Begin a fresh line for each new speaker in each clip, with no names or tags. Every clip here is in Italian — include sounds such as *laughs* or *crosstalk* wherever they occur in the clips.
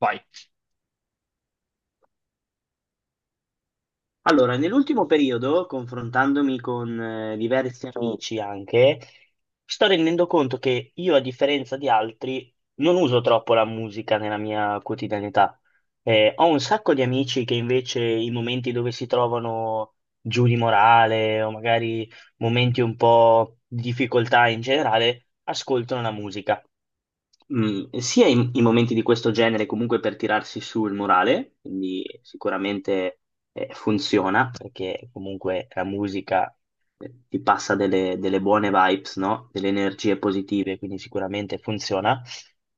Vai.
Allora, nell'ultimo periodo, confrontandomi con diversi amici anche, sto rendendo conto che io, a differenza di altri, non uso troppo la musica nella mia quotidianità. Ho un sacco di amici che invece i momenti dove si trovano giù di morale o magari momenti un po' di difficoltà in generale, ascoltano la musica sia i momenti di questo genere comunque per tirarsi su il morale, quindi sicuramente funziona perché comunque la musica ti passa delle buone vibes, no? Delle energie positive, quindi sicuramente funziona.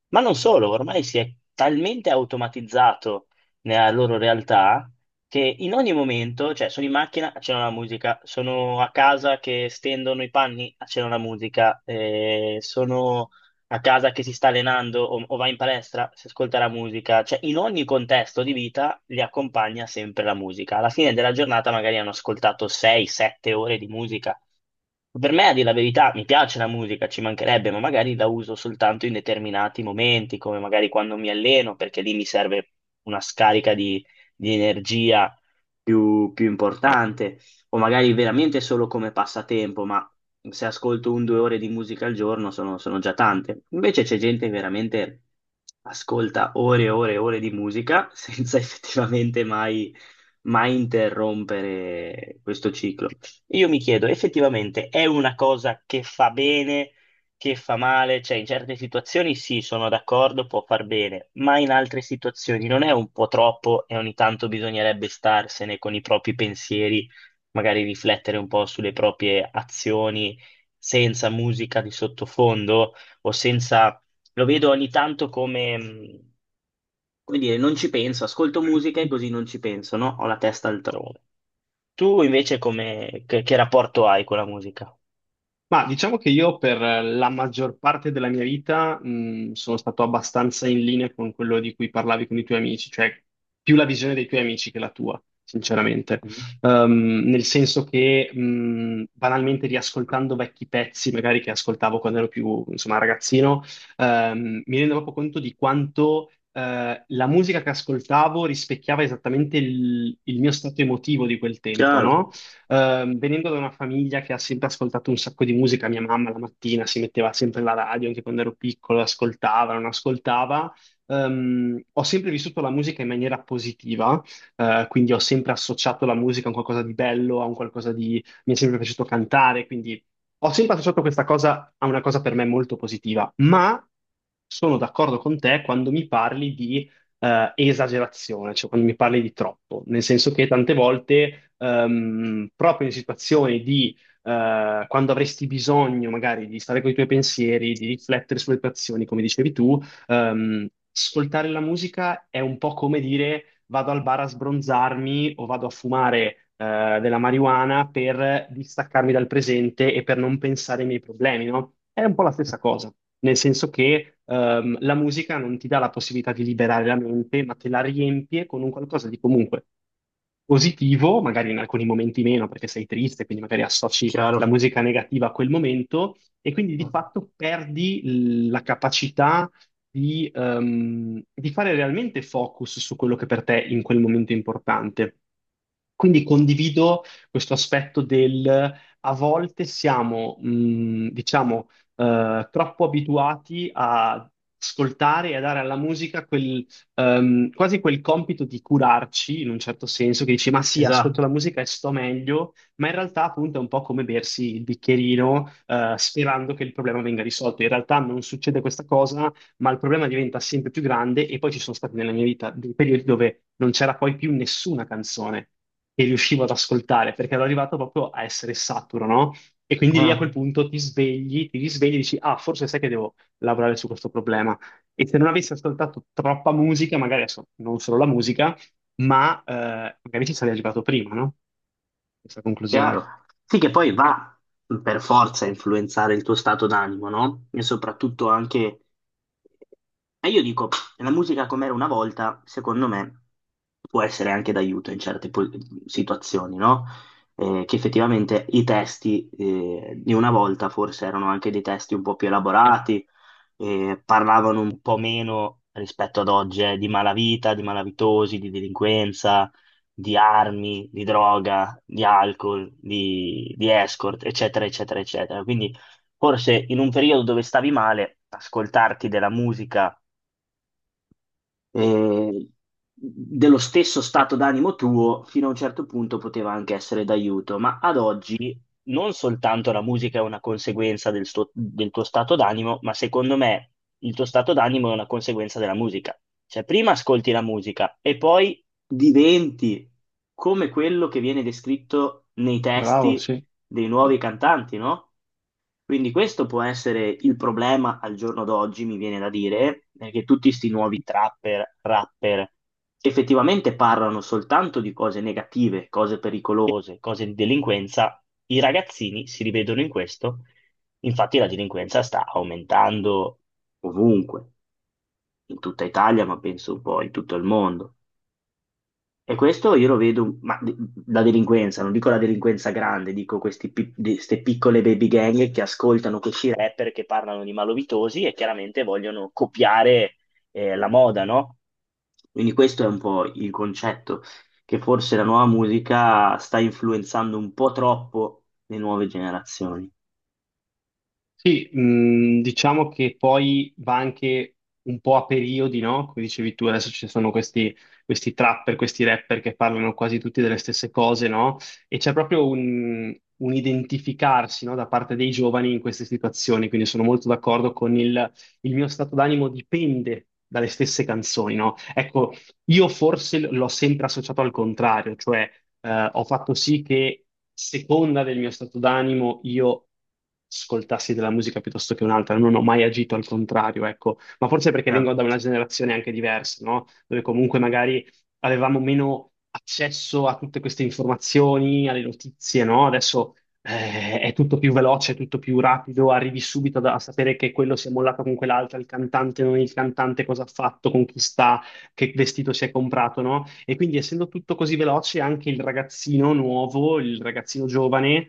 Ma non solo, ormai si è talmente automatizzato nella loro realtà che in ogni momento, cioè sono in macchina, accendono la musica, sono a casa che stendono i panni, accendono la musica, sono a casa che si sta allenando o va in palestra, si ascolta la musica, cioè in ogni contesto di vita li accompagna sempre la musica. Alla fine della giornata magari hanno ascoltato 6-7 ore di musica. Per me, a dire la verità, mi piace la musica, ci mancherebbe, ma magari la uso soltanto in determinati momenti, come magari quando mi alleno, perché lì mi serve una scarica di, energia più importante o magari veramente solo come passatempo, ma se ascolto un due ore di musica al giorno sono, già tante. Invece c'è gente che veramente ascolta ore e ore e ore di musica senza *laughs* effettivamente mai interrompere questo ciclo. Io mi chiedo, effettivamente è una cosa che fa bene, che fa male? Cioè, in certe situazioni sì, sono d'accordo, può far bene, ma in altre situazioni non è un po' troppo e ogni tanto bisognerebbe starsene con i propri pensieri, magari riflettere un po' sulle proprie azioni senza musica di sottofondo o senza... Lo vedo ogni tanto come, come dire, non ci penso, ascolto musica e così non ci penso, no? Ho la testa altrove. Tu invece come... che rapporto hai con la musica?
Ma diciamo che io per la maggior parte della mia vita sono stato abbastanza in linea con quello di cui parlavi con i tuoi amici, cioè più la visione dei tuoi amici che la tua, sinceramente.
Mm.
Nel senso che banalmente riascoltando vecchi pezzi, magari che ascoltavo quando ero più, insomma, ragazzino, mi rendo proprio conto di quanto la musica che ascoltavo rispecchiava esattamente il mio stato emotivo di quel tempo,
Chiaro.
no? Venendo da una famiglia che ha sempre ascoltato un sacco di musica, mia mamma la mattina si metteva sempre la radio, anche quando ero piccolo, ascoltava, non ascoltava. Ho sempre vissuto la musica in maniera positiva, quindi ho sempre associato la musica a un qualcosa di bello, a un qualcosa di mi è sempre piaciuto cantare, quindi ho sempre associato questa cosa a una cosa per me molto positiva, ma sono d'accordo con te quando mi parli di esagerazione, cioè quando mi parli di troppo, nel senso che tante volte, proprio in situazioni di quando avresti bisogno magari di stare con i tuoi pensieri, di riflettere sulle tue azioni, come dicevi tu, ascoltare la musica è un po' come dire vado al bar a sbronzarmi o vado a fumare della marijuana per distaccarmi dal presente e per non pensare ai miei problemi, no? È un po' la stessa cosa, nel senso che la musica non ti dà la possibilità di liberare la mente, ma te la riempie con un qualcosa di comunque positivo, magari in alcuni momenti meno perché sei triste, quindi magari associ la
Chiaro.
musica negativa a quel momento e quindi di fatto perdi la capacità di fare realmente focus su quello che per te in quel momento è importante. Quindi condivido questo aspetto del a volte siamo, diciamo, troppo abituati a ascoltare e a dare alla musica quasi quel compito di curarci in un certo senso, che dici, ma sì, ascolto la
Esatto.
musica e sto meglio, ma in realtà appunto è un po' come bersi il bicchierino, sperando che il problema venga risolto. In realtà non succede questa cosa, ma il problema diventa sempre più grande e poi ci sono stati nella mia vita dei periodi dove non c'era poi più nessuna canzone che riuscivo ad ascoltare, perché ero arrivato proprio a essere saturo, no? E quindi lì a quel
Ah,
punto ti svegli, ti risvegli e dici, ah, forse sai che devo lavorare su questo problema. E se non avessi ascoltato troppa musica, magari adesso non solo la musica, ma magari ci sarei arrivato prima, no? Questa
chiaro.
conclusione.
Sì, che poi va per forza a influenzare il tuo stato d'animo, no? E soprattutto anche... E io dico, la musica com'era una volta, secondo me, può essere anche d'aiuto in certe situazioni, no? Che effettivamente i testi di una volta forse erano anche dei testi un po' più elaborati, parlavano un po' meno rispetto ad oggi, di malavita, di malavitosi, di delinquenza, di armi, di droga, di alcol, di escort, eccetera, eccetera, eccetera. Quindi forse in un periodo dove stavi male, ascoltarti della musica eh, dello stesso stato d'animo tuo, fino a un certo punto poteva anche essere d'aiuto, ma ad oggi non soltanto la musica è una conseguenza del tuo stato d'animo, ma secondo me il tuo stato d'animo è una conseguenza della musica. Cioè, prima ascolti la musica e poi diventi come quello che viene descritto nei
Bravo,
testi
sì.
dei nuovi cantanti, no? Quindi questo può essere il problema al giorno d'oggi, mi viene da dire, è che tutti questi nuovi trapper, rapper, effettivamente parlano soltanto di cose negative, cose pericolose, cose di delinquenza. I ragazzini si rivedono in questo, infatti la delinquenza sta aumentando ovunque, in tutta Italia, ma penso un po' in tutto il mondo. E questo io lo vedo, ma la delinquenza, non dico la delinquenza grande, dico queste piccole baby gang che ascoltano questi rapper che parlano di malovitosi e chiaramente vogliono copiare la moda, no? Quindi questo è un po' il concetto, che forse la nuova musica sta influenzando un po' troppo le nuove generazioni.
Sì, diciamo che poi va anche un po' a periodi, no? Come dicevi tu, adesso ci sono questi trapper, questi rapper che parlano quasi tutti delle stesse cose, no? E c'è proprio un identificarsi, no? Da parte dei giovani in queste situazioni, quindi sono molto d'accordo con il mio stato d'animo dipende dalle stesse canzoni, no? Ecco, io forse l'ho sempre associato al contrario, cioè ho fatto sì che, seconda del mio stato d'animo, io ascoltassi della musica piuttosto che un'altra, non ho mai agito al contrario, ecco, ma forse perché vengo
Chiaro.
da una generazione anche diversa, no? Dove comunque magari avevamo meno accesso a tutte queste informazioni, alle notizie, no? Adesso è tutto più veloce, è tutto più rapido, arrivi subito a sapere che quello si è mollato con quell'altra, il cantante non il cantante, cosa ha fatto, con chi sta, che vestito si è comprato, no? E quindi essendo tutto così veloce, anche il ragazzino nuovo, il ragazzino giovane,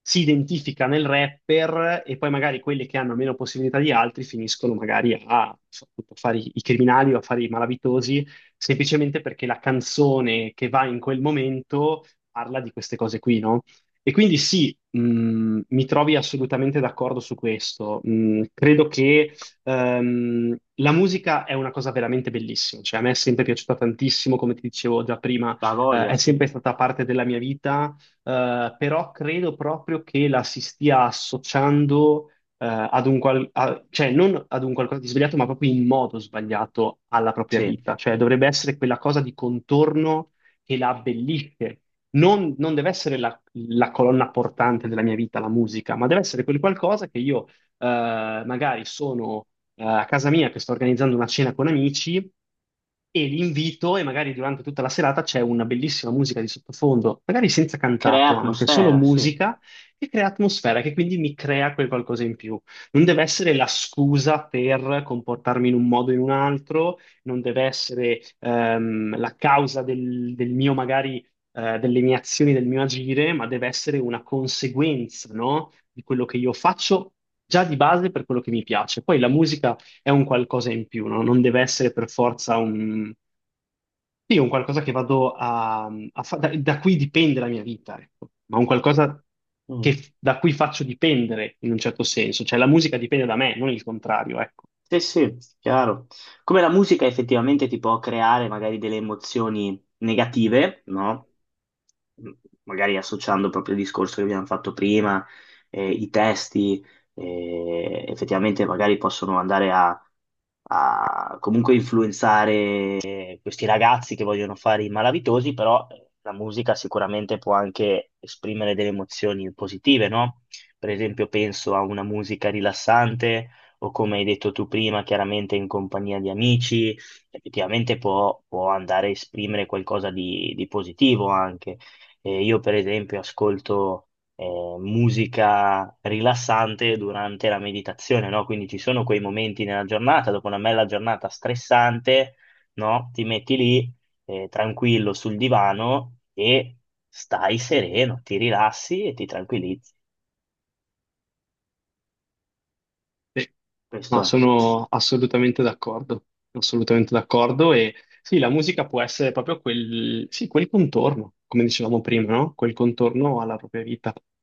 si identifica nel rapper e poi magari quelli che hanno meno possibilità di altri finiscono magari a, appunto, fare i criminali o a fare i malavitosi, semplicemente perché la canzone che va in quel momento parla di queste cose qui, no? E quindi sì, mi trovi assolutamente d'accordo su questo. Credo che la musica è una cosa veramente bellissima, cioè a me è sempre piaciuta tantissimo, come ti dicevo già prima,
La voglia,
è
sì.
sempre stata parte della mia vita, però credo proprio che la si stia associando, ad un qual- a- cioè non ad un qualcosa di sbagliato, ma proprio in modo sbagliato alla propria
Sì.
vita, cioè dovrebbe essere quella cosa di contorno che la abbellisce. Non deve essere la colonna portante della mia vita, la musica, ma deve essere quel qualcosa che io magari sono a casa mia che sto organizzando una cena con amici e li invito e magari durante tutta la serata c'è una bellissima musica di sottofondo, magari senza
Crea
cantato anche, solo
atmosfera, sì.
musica che crea atmosfera, che quindi mi crea quel qualcosa in più. Non deve essere la scusa per comportarmi in un modo o in un altro, non deve essere del mio magari delle mie azioni, del mio agire, ma deve essere una conseguenza, no? Di quello che io faccio già di base per quello che mi piace. Poi la musica è un qualcosa in più, no? Non deve essere per forza un, sì, un qualcosa che vado a, da cui dipende la mia vita, ecco. Ma un qualcosa
Mm.
che, da cui faccio dipendere in un certo senso. Cioè la musica dipende da me, non il contrario, ecco.
Sì, sì, chiaro. Come la musica effettivamente ti può creare magari delle emozioni negative, no? M- Magari associando proprio il discorso che abbiamo fatto prima, i testi, effettivamente magari possono andare a, comunque influenzare questi ragazzi che vogliono fare i malavitosi, però la musica sicuramente può anche esprimere delle emozioni positive, no? Per esempio, penso a una musica rilassante o come hai detto tu prima, chiaramente in compagnia di amici, effettivamente può, andare a esprimere qualcosa di positivo anche. Io per esempio ascolto musica rilassante durante la meditazione, no? Quindi ci sono quei momenti nella giornata, dopo una bella giornata stressante, no? Ti metti lì tranquillo sul divano e stai sereno, ti rilassi e ti tranquillizzi.
Sì.
Questo
No,
è.
sono assolutamente d'accordo e sì, la musica può essere proprio quel, sì, quel contorno, come dicevamo prima, no? Quel contorno alla propria vita.